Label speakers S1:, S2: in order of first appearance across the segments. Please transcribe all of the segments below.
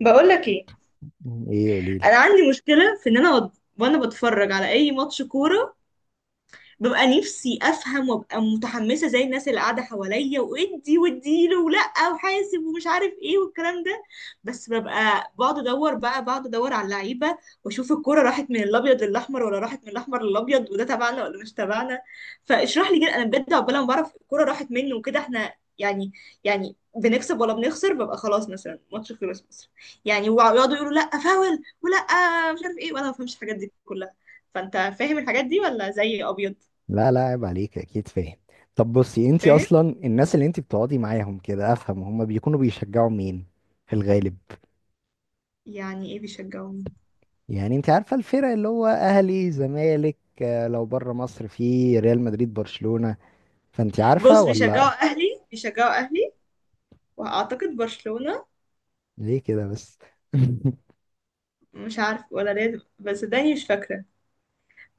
S1: بقول لك ايه.
S2: ايه قوليلي.
S1: انا عندي مشكله في ان انا وانا بتفرج على اي ماتش كوره، ببقى نفسي افهم وابقى متحمسه زي الناس اللي قاعده حواليا، وادي واديله ولا وحاسب ومش عارف ايه والكلام ده. بس ببقى بقعد ادور على اللعيبه، واشوف الكوره راحت من الابيض للاحمر ولا راحت من الاحمر للابيض، وده تبعنا ولا مش تبعنا. فاشرح لي كده انا بجد، عقبال ما بعرف الكوره راحت مني وكده، احنا يعني بنكسب ولا بنخسر، ببقى خلاص مثلا ماتش خلص مثلا، يعني ويقعدوا يقولوا لا فاول ولا مش عارف ايه، وانا ما بفهمش الحاجات دي كلها. فانت فاهم الحاجات دي ولا زي ابيض؟
S2: لا لا، عيب عليك، اكيد فاهم. طب بصي، انتي
S1: فاهم.
S2: اصلا الناس اللي انتي بتقعدي معاهم كده، افهم هما بيكونوا بيشجعوا مين في الغالب؟
S1: يعني ايه بيشجعوني؟
S2: يعني انتي عارفة الفرق اللي هو اهلي زمالك، آه، لو بره مصر في ريال مدريد برشلونة. فانتي عارفة
S1: بص،
S2: ولا؟
S1: بيشجعوا اهلي، بيشجعوا اهلي، واعتقد برشلونة.
S2: ليه كده بس؟
S1: مش عارف ولا ريال، بس داني مش فاكرة.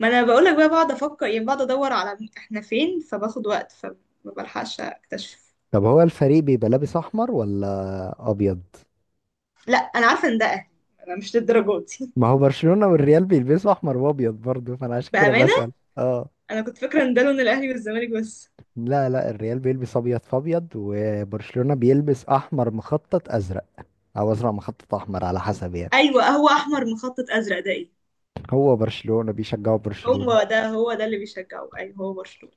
S1: ما انا بقولك، بقى بقعد افكر يعني، بقعد ادور على احنا فين، فباخد وقت فما بلحقش اكتشف.
S2: طب هو الفريق بيبقى لابس احمر ولا ابيض؟
S1: لا انا عارفة ان ده اهلي، انا مش للدرجة دي.
S2: ما هو برشلونة والريال بيلبسوا احمر وابيض برضه، فانا عشان كده
S1: بأمانة
S2: بسأل. اه.
S1: انا كنت فاكرة ان ده لون الاهلي والزمالك بس.
S2: لا لا، الريال بيلبس ابيض في ابيض، وبرشلونة بيلبس احمر مخطط ازرق، او ازرق مخطط احمر على حسب يعني.
S1: ايوه، هو احمر مخطط ازرق ده ايه؟
S2: هو برشلونة، بيشجعوا برشلونة.
S1: هو ده، هو ده اللي بيشجعه، ايوه هو برشلونة.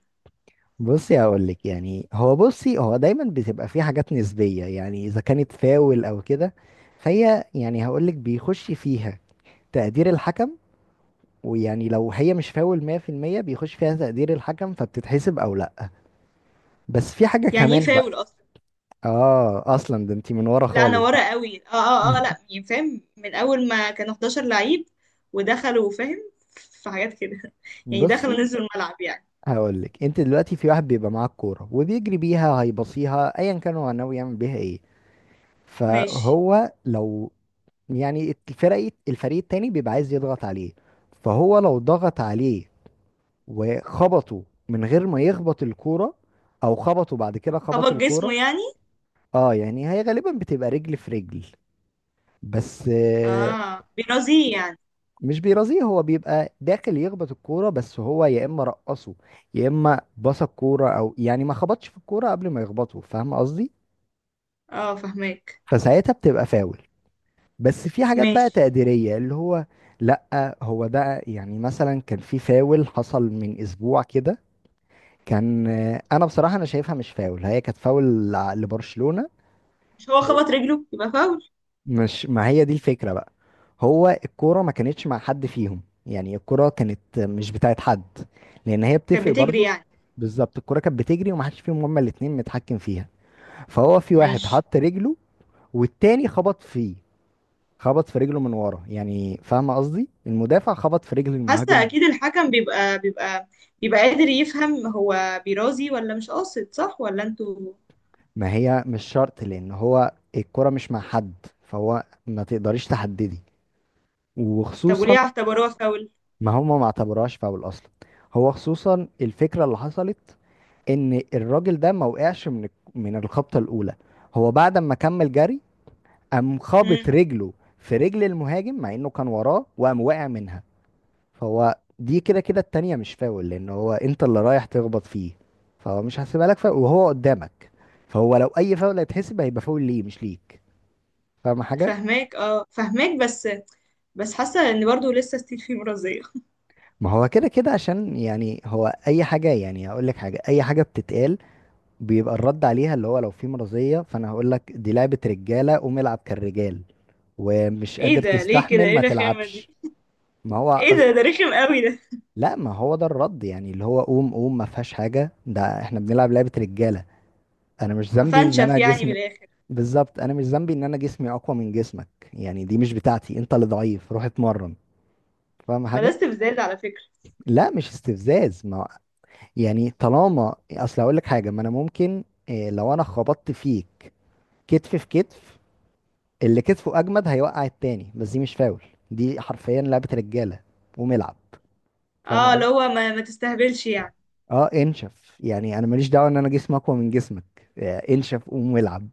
S2: بصي، هقول لك يعني، هو بصي، هو دايما بتبقى في حاجات نسبية، يعني اذا كانت فاول او كده، فهي يعني هقول لك بيخش فيها تقدير الحكم. ويعني لو هي مش فاول 100%، بيخش فيها تقدير الحكم فبتتحسب او لا. بس في حاجة
S1: يعني ايه
S2: كمان
S1: فاول
S2: بقى.
S1: اصلا؟
S2: اه اصلا ده انت من ورا
S1: لا انا
S2: خالص بقى.
S1: ورا قوي، اه اه اه، لا يعني فاهم من اول ما كانوا 11 لعيب ودخلوا، فاهم، في حاجات كده يعني
S2: بصي
S1: دخلوا نزلوا الملعب يعني.
S2: هقول لك، انت دلوقتي في واحد بيبقى معاه الكوره وبيجري بيها، هيبصيها ايا كان هو ناوي يعمل بيها ايه.
S1: ماشي.
S2: فهو لو يعني الفريق التاني بيبقى عايز يضغط عليه، فهو لو ضغط عليه وخبطه من غير ما يخبط الكوره، او خبطه بعد كده خبط
S1: خبط جسمه
S2: الكوره.
S1: يعني؟
S2: اه، يعني هي غالبا بتبقى رجل في رجل بس.
S1: اه بيرازيه يعني؟
S2: مش بيرازيه، هو بيبقى داخل يخبط الكورة، بس هو يا إما رقصه، يا إما بص الكورة، أو يعني ما خبطش في الكورة قبل ما يخبطه. فاهم قصدي؟
S1: اه، فهماك.
S2: فساعتها بتبقى فاول. بس في حاجات بقى
S1: ماشي.
S2: تقديرية اللي هو. لأ هو ده، يعني مثلا كان في فاول حصل من أسبوع كده، كان آه، أنا بصراحة أنا شايفها مش فاول، هي كانت فاول لبرشلونة.
S1: مش هو خبط رجله يبقى فاول؟
S2: مش، ما هي دي الفكرة بقى. هو الكورة ما كانتش مع حد فيهم، يعني الكورة كانت مش بتاعت حد، لأن هي
S1: كانت
S2: بتفرق
S1: بتجري
S2: برضو.
S1: يعني؟
S2: بالظبط، الكورة كانت بتجري ومحدش فيهم هما الاتنين متحكم فيها. فهو في واحد
S1: ماشي.
S2: حط رجله، والتاني خبط فيه، خبط في رجله من ورا، يعني فاهم قصدي، المدافع خبط في رجل
S1: حاسه
S2: المهاجم.
S1: اكيد الحكم بيبقى بيبقى قادر يفهم هو بيرازي ولا مش قاصد، صح ولا انتوا؟
S2: ما هي مش شرط، لأن هو الكورة مش مع حد، فهو ما تقدريش تحددي.
S1: طب وليه
S2: وخصوصا،
S1: اعتبروها فاول؟
S2: ما هما ما اعتبروهاش فاول أصلا. هو خصوصا الفكرة اللي حصلت ان الراجل ده ما وقعش من الخبطه الاولى، هو بعد ما كمل جري قام خابط
S1: امم.
S2: رجله في رجل المهاجم، مع انه كان وراه وقام واقع منها. فهو دي كده كده التانية مش فاول، لان هو انت اللي رايح تخبط فيه، فهو مش هحسبها لك فاول وهو قدامك. فهو لو اي فاول هيتحسب هيبقى فاول ليه مش ليك. فاهم حاجه؟
S1: فهماك، اه فهماك، بس بس حاسة ان برضو لسه ستيل في مرضية.
S2: ما هو كده كده، عشان يعني هو اي حاجه، يعني هقول لك حاجه، اي حاجه بتتقال بيبقى الرد عليها اللي هو لو في مرضية، فانا هقول لك دي لعبة رجالة قوم العب كالرجال، ومش
S1: ايه
S2: قادر
S1: ده؟ ليه كده؟
S2: تستحمل
S1: ايه
S2: ما
S1: الرخامة دي؟
S2: تلعبش. ما هو
S1: ايه ده،
S2: أصل.
S1: ده رخم قوي ده.
S2: لا، ما هو ده الرد، يعني اللي هو قوم قوم، ما فيهاش حاجة، ده احنا بنلعب لعبة رجالة. انا مش ذنبي ان
S1: هفنشف
S2: انا
S1: يعني من
S2: جسمي.
S1: الاخر.
S2: بالظبط، انا مش ذنبي ان انا جسمي اقوى من جسمك، يعني دي مش بتاعتي، انت اللي ضعيف روح اتمرن. فاهم حاجة؟
S1: بلاست بزيادة على فكرة.
S2: لا مش استفزاز ما. يعني طالما اصل هقول لك حاجة، ما انا ممكن إيه، لو انا خبطت فيك كتف في كتف، اللي كتفه اجمد هيوقع التاني، بس دي مش فاول، دي حرفيا لعبة رجالة، قوم العب. فاهم
S1: اه، اللي
S2: قصدي؟
S1: هو ما تستهبلش يعني.
S2: اه، انشف يعني، انا ماليش دعوة ان انا جسمي اقوى من جسمك، آه، انشف قوم العب.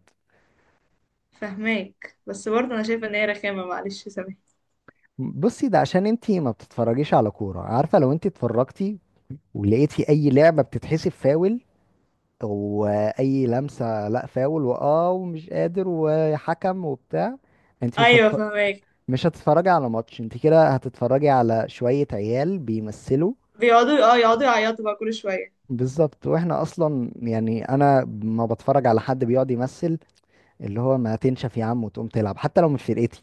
S1: فهماك، بس برضو انا شايفة ان هي رخامة، معلش سامحني.
S2: بصي، ده عشان انتي ما بتتفرجيش على كورة، عارفة لو انتي اتفرجتي ولقيتي اي لعبة بتتحسب فاول، واي لمسة لا فاول، واه ومش قادر، وحكم وبتاع، انتي
S1: ايوه فهماك.
S2: مش هتتفرجي على ماتش، انتي كده هتتفرجي على شوية عيال بيمثلوا.
S1: بيقعدوا، اه، يقعدوا يعيطوا بقى كل شوية.
S2: بالظبط، واحنا اصلا يعني انا ما بتفرج على حد بيقعد يمثل، اللي هو ما تنشف يا عم وتقوم تلعب حتى لو مش فرقتي.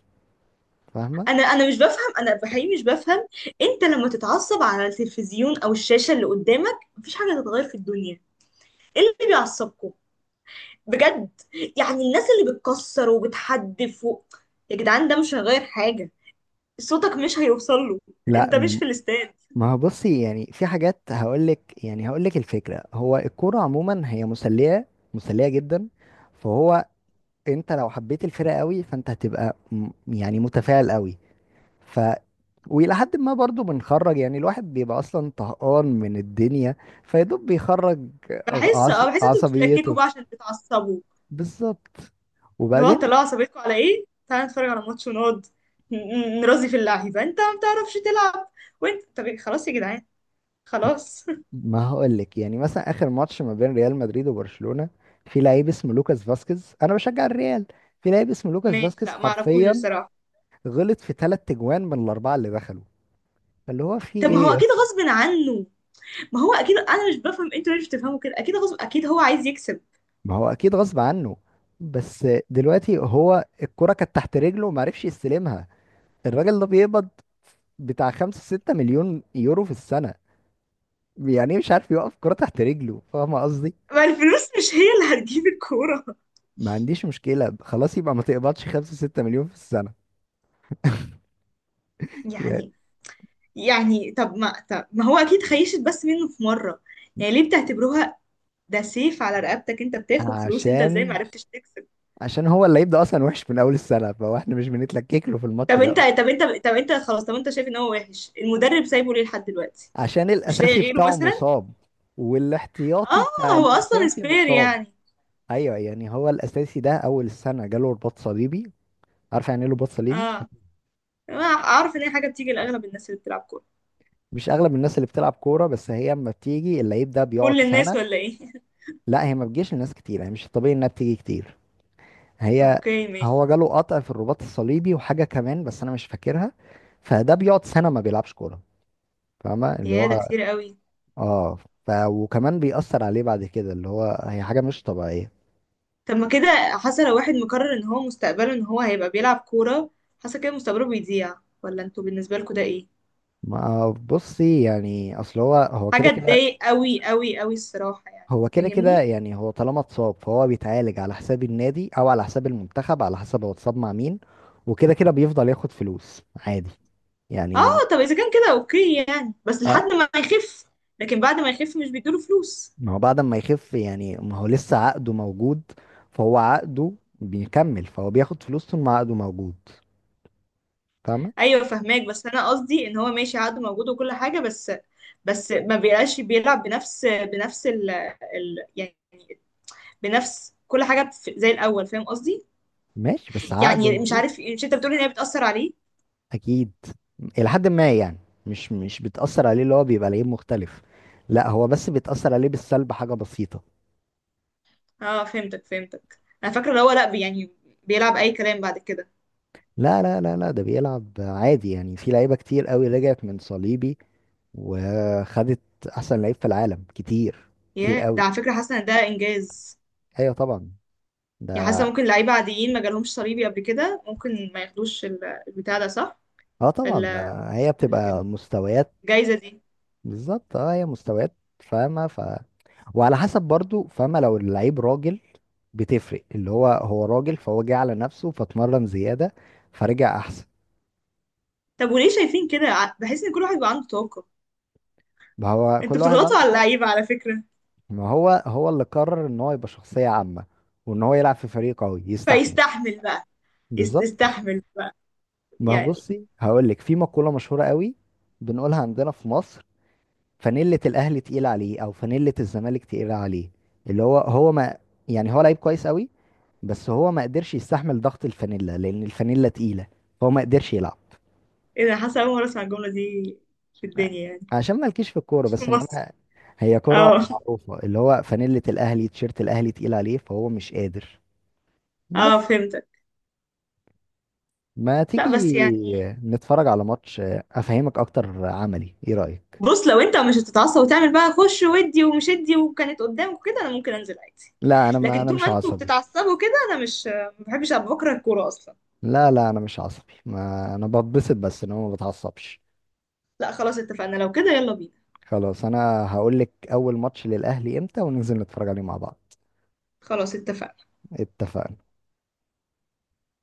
S2: فاهمه؟
S1: انا مش بفهم، انا بحقيقي مش بفهم. انت لما تتعصب على التلفزيون او الشاشة اللي قدامك، مفيش حاجة تتغير في الدنيا. ايه اللي بيعصبكم بجد؟ يعني الناس اللي بتكسر وبتحدف و... يا جدعان ده مش هيغير حاجة، صوتك مش هيوصل له،
S2: لا
S1: انت مش
S2: م-
S1: في الاستاد.
S2: ما هو بصي، يعني في حاجات هقولك، يعني هقولك الفكره، هو الكوره عموما هي مسليه، مسليه جدا. فهو انت لو حبيت الفرقه قوي فانت يعني متفاعل قوي. ف والى حد ما برضو بنخرج، يعني الواحد بيبقى اصلا طهقان من الدنيا فيدوب بيخرج
S1: بحس، اه بحس انتوا بتتلككوا
S2: عصبيته.
S1: بقى عشان تتعصبوا.
S2: بالظبط.
S1: اللي هو
S2: وبعدين،
S1: طلعوا عصبيتكم على ايه، تعالى نتفرج على ماتش ونقعد نرازي في اللعيبة، انت ما بتعرفش تلعب. وانت طب إيه؟ خلاص يا جدعان، خلاص.
S2: ما هقولك يعني مثلا اخر ماتش ما بين ريال مدريد وبرشلونة، في لعيب اسمه لوكاس فاسكيز، انا بشجع الريال، في لعيب اسمه لوكاس
S1: ماشي،
S2: فاسكيز
S1: لا ما اعرفوش
S2: حرفيا
S1: الصراحة.
S2: غلط في ثلاث تجوان من الاربعه اللي دخلوا. فاللي هو في
S1: طب ما هو
S2: ايه يا
S1: اكيد
S2: اسطى.
S1: غصب عنه، ما هو اكيد، انا مش بفهم انتوا ليه مش بتفهموا كده، اكيد غصب، اكيد هو عايز يكسب.
S2: ما هو اكيد غصب عنه، بس دلوقتي هو الكرة كانت تحت رجله وما عرفش يستلمها. الراجل ده بيقبض بتاع 5 6 مليون يورو في السنة، يعني إيه مش عارف يوقف كرة تحت رجله؟ فاهم قصدي؟
S1: ما الفلوس مش هي اللي هتجيب الكورة.
S2: ما عنديش مشكلة، خلاص يبقى ما تقبضش 5 6 مليون في السنة يعني.
S1: يعني. يعني طب ما هو اكيد خيشت بس منه في مره، يعني ليه بتعتبروها ده سيف على رقبتك؟ انت بتاخد فلوس، انت ازاي ما
S2: عشان،
S1: عرفتش تكسب؟
S2: عشان هو اللي يبدأ أصلا وحش من أول السنة، فهو احنا مش بنتلكك له في الماتش
S1: طب انت،
S2: ده.
S1: طب انت خلاص، طب انت شايف ان هو وحش، المدرب سايبه ليه لحد دلوقتي؟
S2: عشان
S1: مش لاقي
S2: الأساسي
S1: غيره
S2: بتاعه
S1: مثلا؟
S2: مصاب،
S1: اه
S2: والاحتياطي بتاع
S1: هو اصلا
S2: الأساسي
S1: سبير
S2: مصاب.
S1: يعني.
S2: أيوه، يعني هو الأساسي ده أول السنة جاله رباط صليبي. عارف يعني ايه رباط صليبي؟
S1: اه، أنا اعرف ان هي حاجه بتيجي لاغلب الناس اللي بتلعب كوره.
S2: مش أغلب الناس اللي بتلعب كورة، بس هي أما بتيجي اللعيب ده
S1: كل
S2: بيقعد
S1: الناس
S2: سنة.
S1: ولا ايه؟
S2: لا هي ما بتجيش لناس كتير، يعني مش الطبيعي إنها بتيجي كتير. هي،
S1: اوكي ماشي.
S2: هو جاله قطع في الرباط الصليبي وحاجة كمان بس أنا مش فاكرها. فده بيقعد سنة ما بيلعبش كورة. فاهمة اللي
S1: يا ده
S2: هو،
S1: كتير قوي.
S2: اه، ف وكمان بيأثر عليه بعد كده، اللي هو هي حاجة مش طبيعية.
S1: طب ما كده حاسه لو واحد مقرر ان هو مستقبله ان هو هيبقى بيلعب كوره، حاسه كده مستقبله بيضيع، ولا انتوا بالنسبه لكم ده ايه؟
S2: ما بصي، يعني أصل هو، هو كده
S1: حاجة
S2: كده،
S1: تضايق قوي قوي قوي الصراحة يعني.
S2: هو كده كده
S1: فاهمني؟
S2: يعني، هو طالما اتصاب فهو بيتعالج على حساب النادي أو على حساب المنتخب، على حسب هو اتصاب مع مين. وكده كده بيفضل ياخد فلوس عادي
S1: اه،
S2: يعني.
S1: طب اذا كان كده اوكي يعني، بس لحد
S2: آه،
S1: ما يخف. لكن بعد ما يخف مش بيدوله فلوس؟
S2: ما هو بعد ما يخف يعني، ما هو لسه عقده موجود، فهو عقده بيكمل، فهو بياخد فلوس طول ما عقده موجود. فاهمة؟
S1: ايوه فهماك، بس انا قصدي ان هو ماشي عقده موجود وكل حاجة بس، بس ما بيبقاش بيلعب بنفس بنفس ال ال يعني، بنفس كل حاجة زي الأول، فاهم قصدي؟
S2: ماشي، بس عقده
S1: يعني مش
S2: موجود.
S1: عارف، مش انت بتقول ان هي بتأثر عليه؟
S2: أكيد، إلى حد ما يعني، مش بتأثر عليه اللي هو بيبقى لعيب مختلف، لا هو بس بيتأثر عليه بالسلب حاجة بسيطة.
S1: اه فهمتك، فهمتك، انا فاكرة اللي هو لا يعني بيلعب اي كلام بعد كده.
S2: لا لا لا لا، ده بيلعب عادي، يعني في لعيبة كتير قوي رجعت من صليبي وخدت أحسن لعيب في العالم كتير، كتير
S1: ياه، ده
S2: قوي.
S1: على فكرة حاسة ان ده انجاز.
S2: أيوة طبعا،
S1: يعني حاسه
S2: ده
S1: ممكن لعيبه عاديين ما جالهمش صليبي قبل كده ممكن ما ياخدوش البتاع ده صح؟
S2: اه طبعا،
S1: ال-
S2: ده هي
S1: الك-
S2: بتبقى مستويات.
S1: الجايزه دي.
S2: بالظبط، اه هي مستويات. فاهمة، ف وعلى حسب برضو، فاهمة لو اللعيب راجل بتفرق، اللي هو هو راجل فهو جه على نفسه فاتمرن زيادة فرجع أحسن.
S1: طب وليه شايفين كده بحس ان كل واحد بيبقى عنده طاقه،
S2: ما هو
S1: انتوا
S2: كل واحد
S1: بتضغطوا
S2: عنده
S1: على
S2: فرق.
S1: اللعيبه على فكره.
S2: ما هو هو اللي قرر إن هو يبقى شخصية عامة، وإن هو يلعب في فريق قوي يستحمل.
S1: فيستحمل بقى.
S2: بالظبط.
S1: يستحمل بقى
S2: ما هو
S1: يعني.
S2: بصي هقولك، في مقولة مشهورة قوي بنقولها عندنا في مصر: فانيلة الأهلي تقيلة عليه، أو فانيلة الزمالك تقيلة عليه. اللي هو هو، ما يعني هو لعيب كويس قوي، بس هو ما قدرش يستحمل ضغط الفانيلا لان الفانيلا تقيلة، فهو ما قدرش يلعب.
S1: ايه ده، حاسه اول مره اسمع الجمله دي في الدنيا يعني.
S2: عشان مالكيش في الكورة،
S1: مش في
S2: بس
S1: مصر؟
S2: انما هي كرة
S1: اه.
S2: معروفة، اللي هو فانيلة الاهلي، تيشيرت الاهلي تقيل عليه فهو مش قادر.
S1: اه
S2: بس
S1: فهمتك.
S2: ما
S1: لا
S2: تيجي
S1: بس يعني.
S2: نتفرج على ماتش افهمك اكتر عملي، ايه رأيك؟
S1: بص، لو انت مش هتتعصب وتعمل بقى خش ودي ومش ادي، وكانت قدامك كده، انا ممكن انزل عادي.
S2: لا انا، ما
S1: لكن
S2: انا
S1: طول ما
S2: مش
S1: انتوا
S2: عصبي.
S1: بتتعصبوا كده، انا مش، ما بحبش ابقى بكره الكوره اصلا.
S2: لا لا انا مش عصبي، ما انا بتبسط بس ان هو ما بتعصبش.
S1: لا خلاص اتفقنا، لو كده يلا بينا.
S2: خلاص، انا هقول لك اول ماتش للاهلي امتى وننزل نتفرج عليه مع بعض.
S1: خلاص اتفقنا.
S2: اتفقنا.